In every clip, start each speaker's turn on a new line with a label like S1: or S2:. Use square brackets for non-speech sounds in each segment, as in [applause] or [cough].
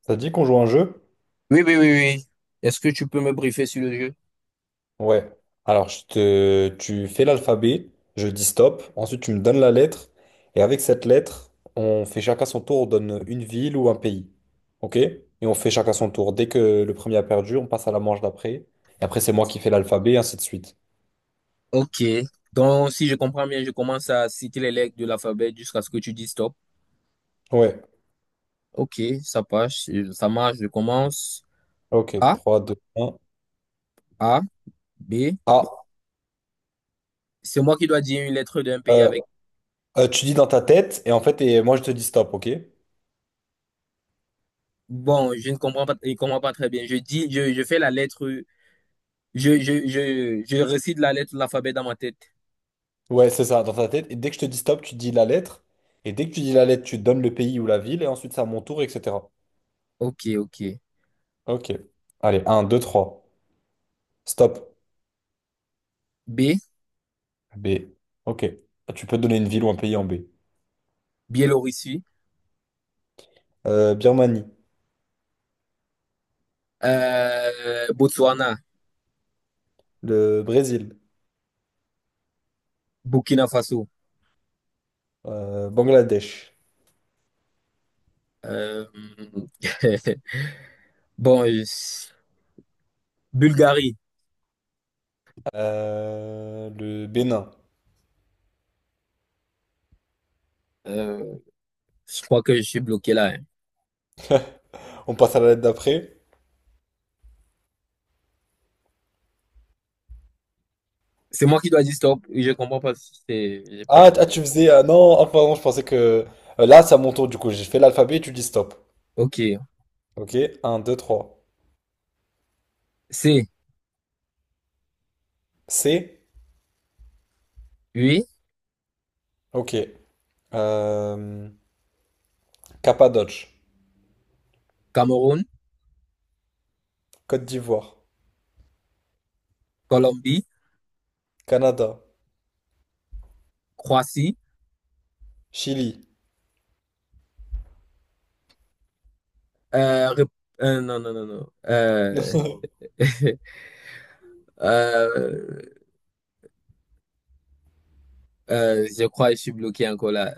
S1: Ça te dit qu'on joue à un jeu?
S2: Oui, oui, oui, oui. Est-ce que tu peux me briefer sur le jeu?
S1: Ouais. Alors, je te... tu fais l'alphabet, je dis stop, ensuite tu me donnes la lettre, et avec cette lettre, on fait chacun son tour, on donne une ville ou un pays. OK? Et on fait chacun son tour. Dès que le premier a perdu, on passe à la manche d'après. Et après, c'est moi qui fais l'alphabet, et ainsi de suite.
S2: Ok. Donc, si je comprends bien, je commence à citer les lettres de l'alphabet jusqu'à ce que tu dis stop.
S1: Ouais.
S2: Ok, ça passe, ça marche. Je commence.
S1: OK.
S2: A,
S1: Trois, deux, un.
S2: A, B.
S1: Ah,
S2: C'est moi qui dois dire une lettre d'un pays
S1: euh,
S2: avec.
S1: tu dis dans ta tête, et en fait, et moi je te dis stop, OK?
S2: Bon, je ne comprends pas, je comprends pas très bien. Je dis, je fais la lettre, je récite la lettre de l'alphabet dans ma tête.
S1: Ouais, c'est ça, dans ta tête. Et dès que je te dis stop, tu dis la lettre. Et dès que tu dis la lettre, tu donnes le pays ou la ville, et ensuite c'est à mon tour, etc.
S2: Ok, ok.
S1: Ok. Allez, un 2 trois. Stop.
S2: B,
S1: B. Ok. Ah, tu peux donner une ville ou un pays en B.
S2: Biélorussie.
S1: Birmanie.
S2: Botswana,
S1: Le Brésil.
S2: Burkina Faso.
S1: Bangladesh.
S2: Euh, [laughs] Bon, Bulgarie,
S1: Le Bénin.
S2: euh, je crois que je suis bloqué là, hein.
S1: On passe à la lettre d'après.
S2: C'est moi qui dois dire stop. Je comprends pas. Si c'est, j'ai pas-
S1: Tu faisais. Non, pardon, je pensais que. Là, c'est à mon tour, du coup. J'ai fait l'alphabet et tu dis stop.
S2: Ok.
S1: Ok. Un deux trois.
S2: C,
S1: C.
S2: oui.
S1: Ok. Euh, Cappadoce.
S2: Cameroun,
S1: Côte d'Ivoire.
S2: Colombie,
S1: Canada.
S2: Croatie.
S1: Chili.
S2: Rép- non, non, non, non.
S1: [laughs]
S2: [laughs] Euh, je crois que je suis bloqué encore là.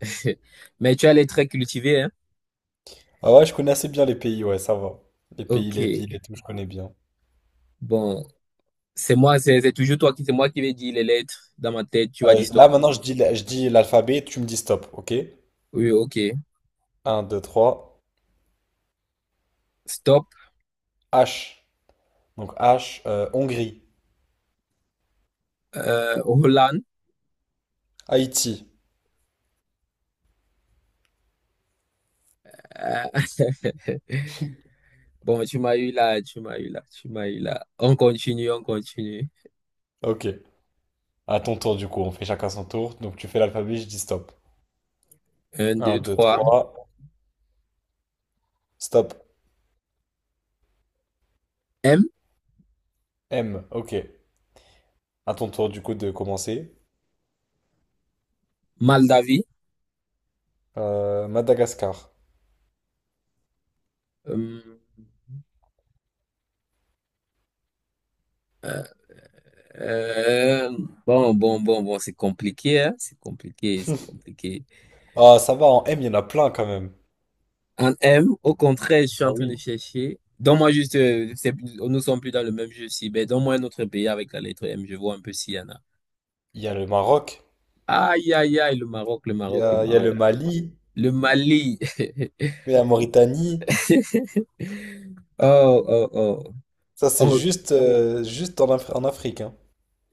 S2: [laughs] Mais tu as les traits cultivés, hein?
S1: Ah ouais, je connais assez bien les pays, ouais, ça va. Les pays,
S2: Ok.
S1: les villes et tout, je connais bien.
S2: Bon, c'est moi, c'est toujours toi qui, c'est moi qui vais dire les lettres dans ma tête. Tu vas dire
S1: Là,
S2: stop.
S1: maintenant, je dis l'alphabet, tu me dis stop, ok?
S2: Oui, ok.
S1: Un, deux, trois.
S2: Stop.
S1: H. Donc H, Hongrie,
S2: Hollande.
S1: Haïti.
S2: Ah, [laughs] Bon, tu m'as eu là, tu m'as eu là, tu m'as eu là. On continue, on continue.
S1: Ok. À ton tour, du coup, on fait chacun son tour. Donc tu fais l'alphabet, je dis stop.
S2: Un,
S1: Un,
S2: deux,
S1: 2,
S2: trois.
S1: 3. Stop.
S2: M,
S1: M, ok. À ton tour, du coup, de commencer.
S2: mal d'avis.
S1: Madagascar.
S2: Hum, euh, bon, bon, bon, bon, c'est compliqué, hein, c'est compliqué, c'est compliqué.
S1: Ah, ça va, en M, il y en a plein quand même.
S2: En M, au contraire, je suis
S1: Ah
S2: en train de
S1: oui.
S2: chercher. Donne-moi juste, c'est- nous sommes plus dans le même jeu si, mais donne-moi un autre pays avec la lettre M, je vois un peu s'il y en a.
S1: Il y a le Maroc,
S2: Aïe, aïe, aïe, le Maroc, le Maroc, le
S1: il y a le
S2: Maroc.
S1: Mali,
S2: Le Mali.
S1: il y a la Mauritanie.
S2: [laughs] Oh, oh,
S1: Ça, c'est
S2: oh.
S1: juste, juste en, Af- en Afrique, hein.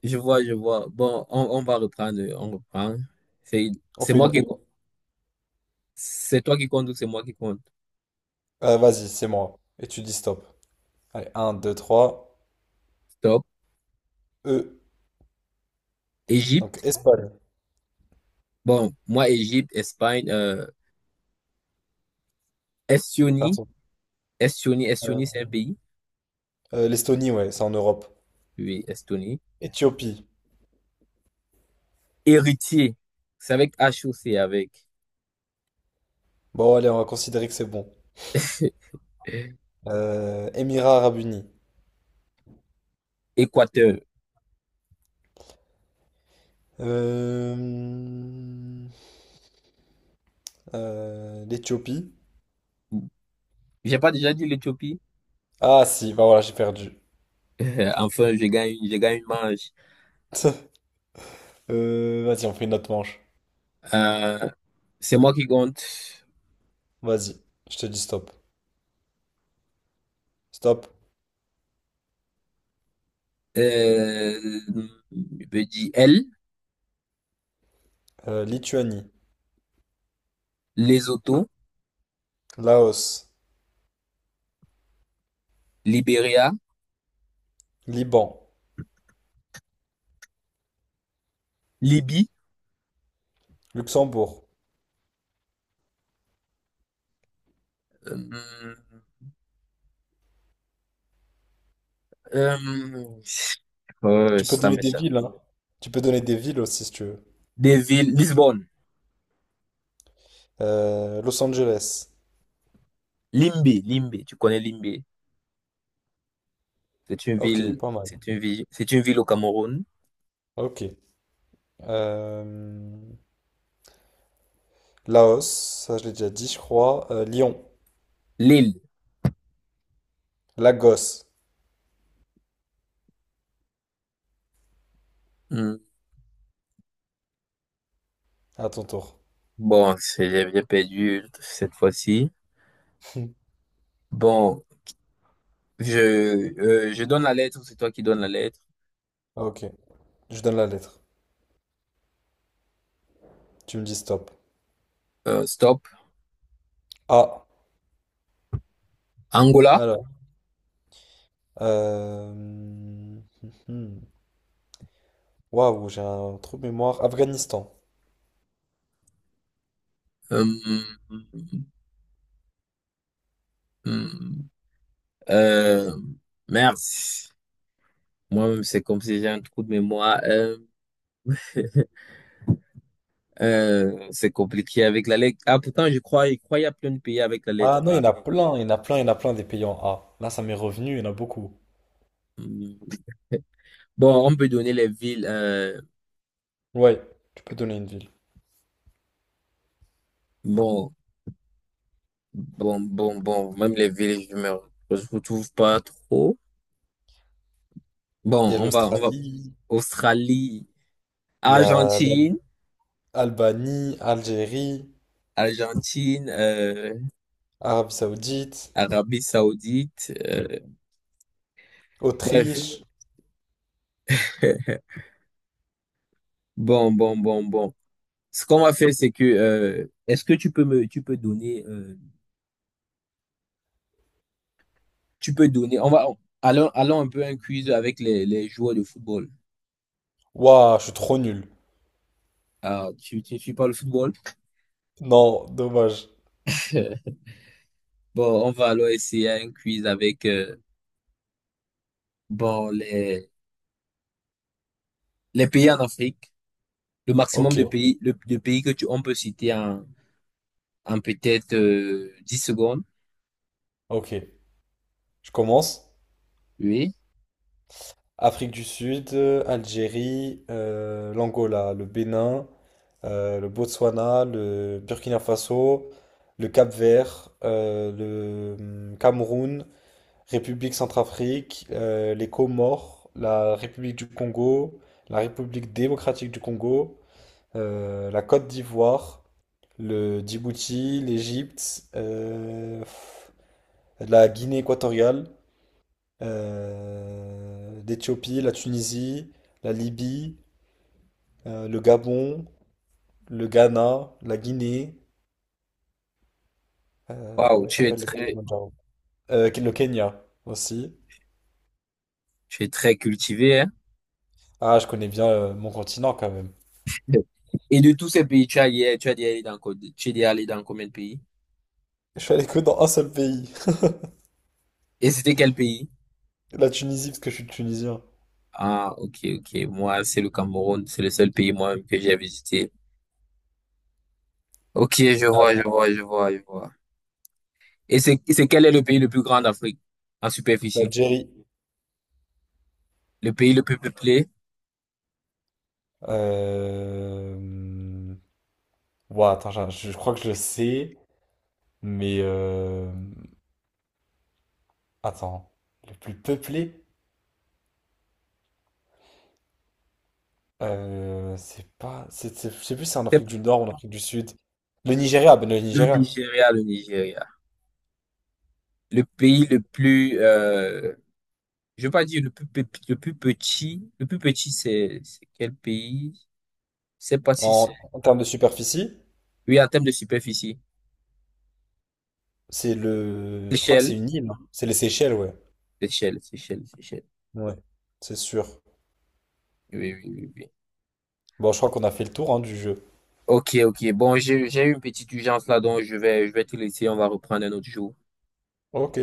S2: Je vois, je vois. Bon, on va reprendre, on reprend. C'est,
S1: On
S2: c'est
S1: fait
S2: moi
S1: une.
S2: qui, c'est toi qui compte ou c'est moi qui compte?
S1: Vas-y, c'est moi. Et tu dis stop. Allez, un, deux, trois.
S2: Stop.
S1: E. Donc,
S2: Égypte.
S1: Espagne.
S2: Bon, moi, Égypte, Espagne, Estonie.
S1: Pardon.
S2: Estonie,
S1: Euh,
S2: Estonie, c'est un pays.
S1: L'Estonie, ouais, c'est en Europe.
S2: Oui, Estonie.
S1: Éthiopie.
S2: Héritier. C'est avec H ou c'est avec
S1: Bon, allez, on va considérer que c'est bon.
S2: [laughs]
S1: Émirats Arabes Unis.
S2: Équateur.
S1: Euh, L'Éthiopie.
S2: J'ai pas déjà dit l'Éthiopie?
S1: Ah, si, bah voilà, j'ai perdu.
S2: [laughs] Enfin, je gagne une manche.
S1: [laughs] Vas-y, on fait une autre manche.
S2: Euh, c'est moi qui compte.
S1: Vas-y, je te dis stop. Stop.
S2: Euh, je peux dire L,
S1: Lituanie.
S2: Lesotho,
S1: Laos.
S2: Libéria.
S1: Liban.
S2: Libye,
S1: Luxembourg.
S2: euh, euh,
S1: Tu peux
S2: ça
S1: donner des
S2: m'échappe.
S1: villes, hein. Tu peux donner des villes aussi si tu veux.
S2: Des villes, Lisbonne,
S1: Los Angeles.
S2: Limbé, Limbé, tu connais Limbé. C'est une
S1: Ok,
S2: ville,
S1: pas mal.
S2: c'est une ville, c'est une ville au Cameroun.
S1: Ok. Euh, Laos, ça je l'ai déjà dit, je crois. Lyon.
S2: Lille.
S1: Lagos.
S2: Hmm,
S1: À ton tour.
S2: bon, c'est- j'ai perdu cette fois-ci.
S1: [laughs]
S2: Bon, je, je donne la lettre, c'est toi qui donnes la lettre.
S1: Ok. Je donne la lettre. Tu me dis stop.
S2: Stop.
S1: A.
S2: Angola.
S1: Alors... Euh... hum, hum. Waouh, j'ai un trou de mémoire. Afghanistan.
S2: Hmm, hmm. euh, merci. Moi-même, c'est comme si j'ai un trou de mémoire. C'est compliqué avec la lettre A. Pourtant, je crois qu'il y a plein de pays avec la lettre
S1: Ah non, il y
S2: A.
S1: en a plein, il y en a plein, il y en a plein des pays en A. Là, ça m'est revenu, il y en a beaucoup.
S2: Hmm. Bon, on peut donner les villes.
S1: Ouais, tu peux donner une ville.
S2: Bon, bon, bon, bon. Même les villes, je vous trouve pas trop. Bon,
S1: Il y a
S2: on va.
S1: l'Australie.
S2: Australie,
S1: Il y a
S2: Argentine,
S1: l'Albanie, Algérie,
S2: Argentine,
S1: Arabie Saoudite,
S2: Arabie Saoudite. Bref.
S1: Autriche.
S2: [laughs] Bon, bon, bon, bon. Ce qu'on va faire, c'est que, est-ce que tu peux donner, tu peux donner. Allons, allons un peu un quiz avec les joueurs de football.
S1: Waouh, je suis trop nul.
S2: Alors, tu ne suis pas le football?
S1: Non, dommage.
S2: [laughs] Bon, on va alors essayer un quiz avec bon, les pays en Afrique. Le maximum
S1: Ok,
S2: de pays, de pays que on peut citer en, en peut-être 10 secondes.
S1: ok. Je commence.
S2: Oui.
S1: Afrique du Sud, Algérie, l'Angola, le Bénin, le Botswana, le Burkina Faso, le Cap-Vert, le Cameroun, République Centrafrique, les Comores, la République du Congo, la République démocratique du Congo, la Côte d'Ivoire, le Djibouti, l'Égypte, la Guinée équatoriale, l'Éthiopie, la Tunisie, la Libye, le Gabon, le Ghana, la Guinée,
S2: Waouh,
S1: comment il s'appelle le Kilimanjaro? Le Kenya aussi.
S2: tu es très cultivé, hein?
S1: Ah, je connais bien mon continent quand même.
S2: [laughs] Et de tous ces pays, tu as dit aller dans, co- tu es allé dans combien de pays?
S1: Je suis allé que dans un seul pays,
S2: Et c'était quel pays?
S1: [laughs] la Tunisie parce que je suis tunisien.
S2: Ah, ok, ok. Moi, c'est le Cameroun. C'est le seul pays moi-même que j'ai visité. Ok, je vois, je
S1: Ah,
S2: vois, je vois, je vois. Et c'est quel est le pays le plus grand d'Afrique en superficie?
S1: l'Algérie.
S2: Le pays le plus peuplé?
S1: Euh, Ouah, attends, je crois que je le sais, mais attends, le plus peuplé, c'est pas, c'est- je sais plus si c'est en
S2: C'est
S1: Afrique du Nord ou en Afrique du Sud. Le Nigeria, ben le
S2: le
S1: Nigeria.
S2: Nigeria, le Nigeria. Le pays le plus, je veux pas dire le plus, pe- le plus petit. Le plus petit, c'est quel pays? Je sais pas si c'est,
S1: En, en termes de superficie,
S2: oui, en termes de superficie.
S1: c'est le, je crois que c'est
S2: Seychelles,
S1: une île, hein. C'est les Seychelles, ouais.
S2: Seychelles, Seychelles, Seychelles.
S1: Ouais, c'est sûr.
S2: Oui, oui, oui, oui.
S1: Bon, je crois qu'on a fait le tour hein, du jeu.
S2: Ok, ok. Bon, j'ai eu une petite urgence là, donc je vais te laisser. On va reprendre un autre jour.
S1: Ok.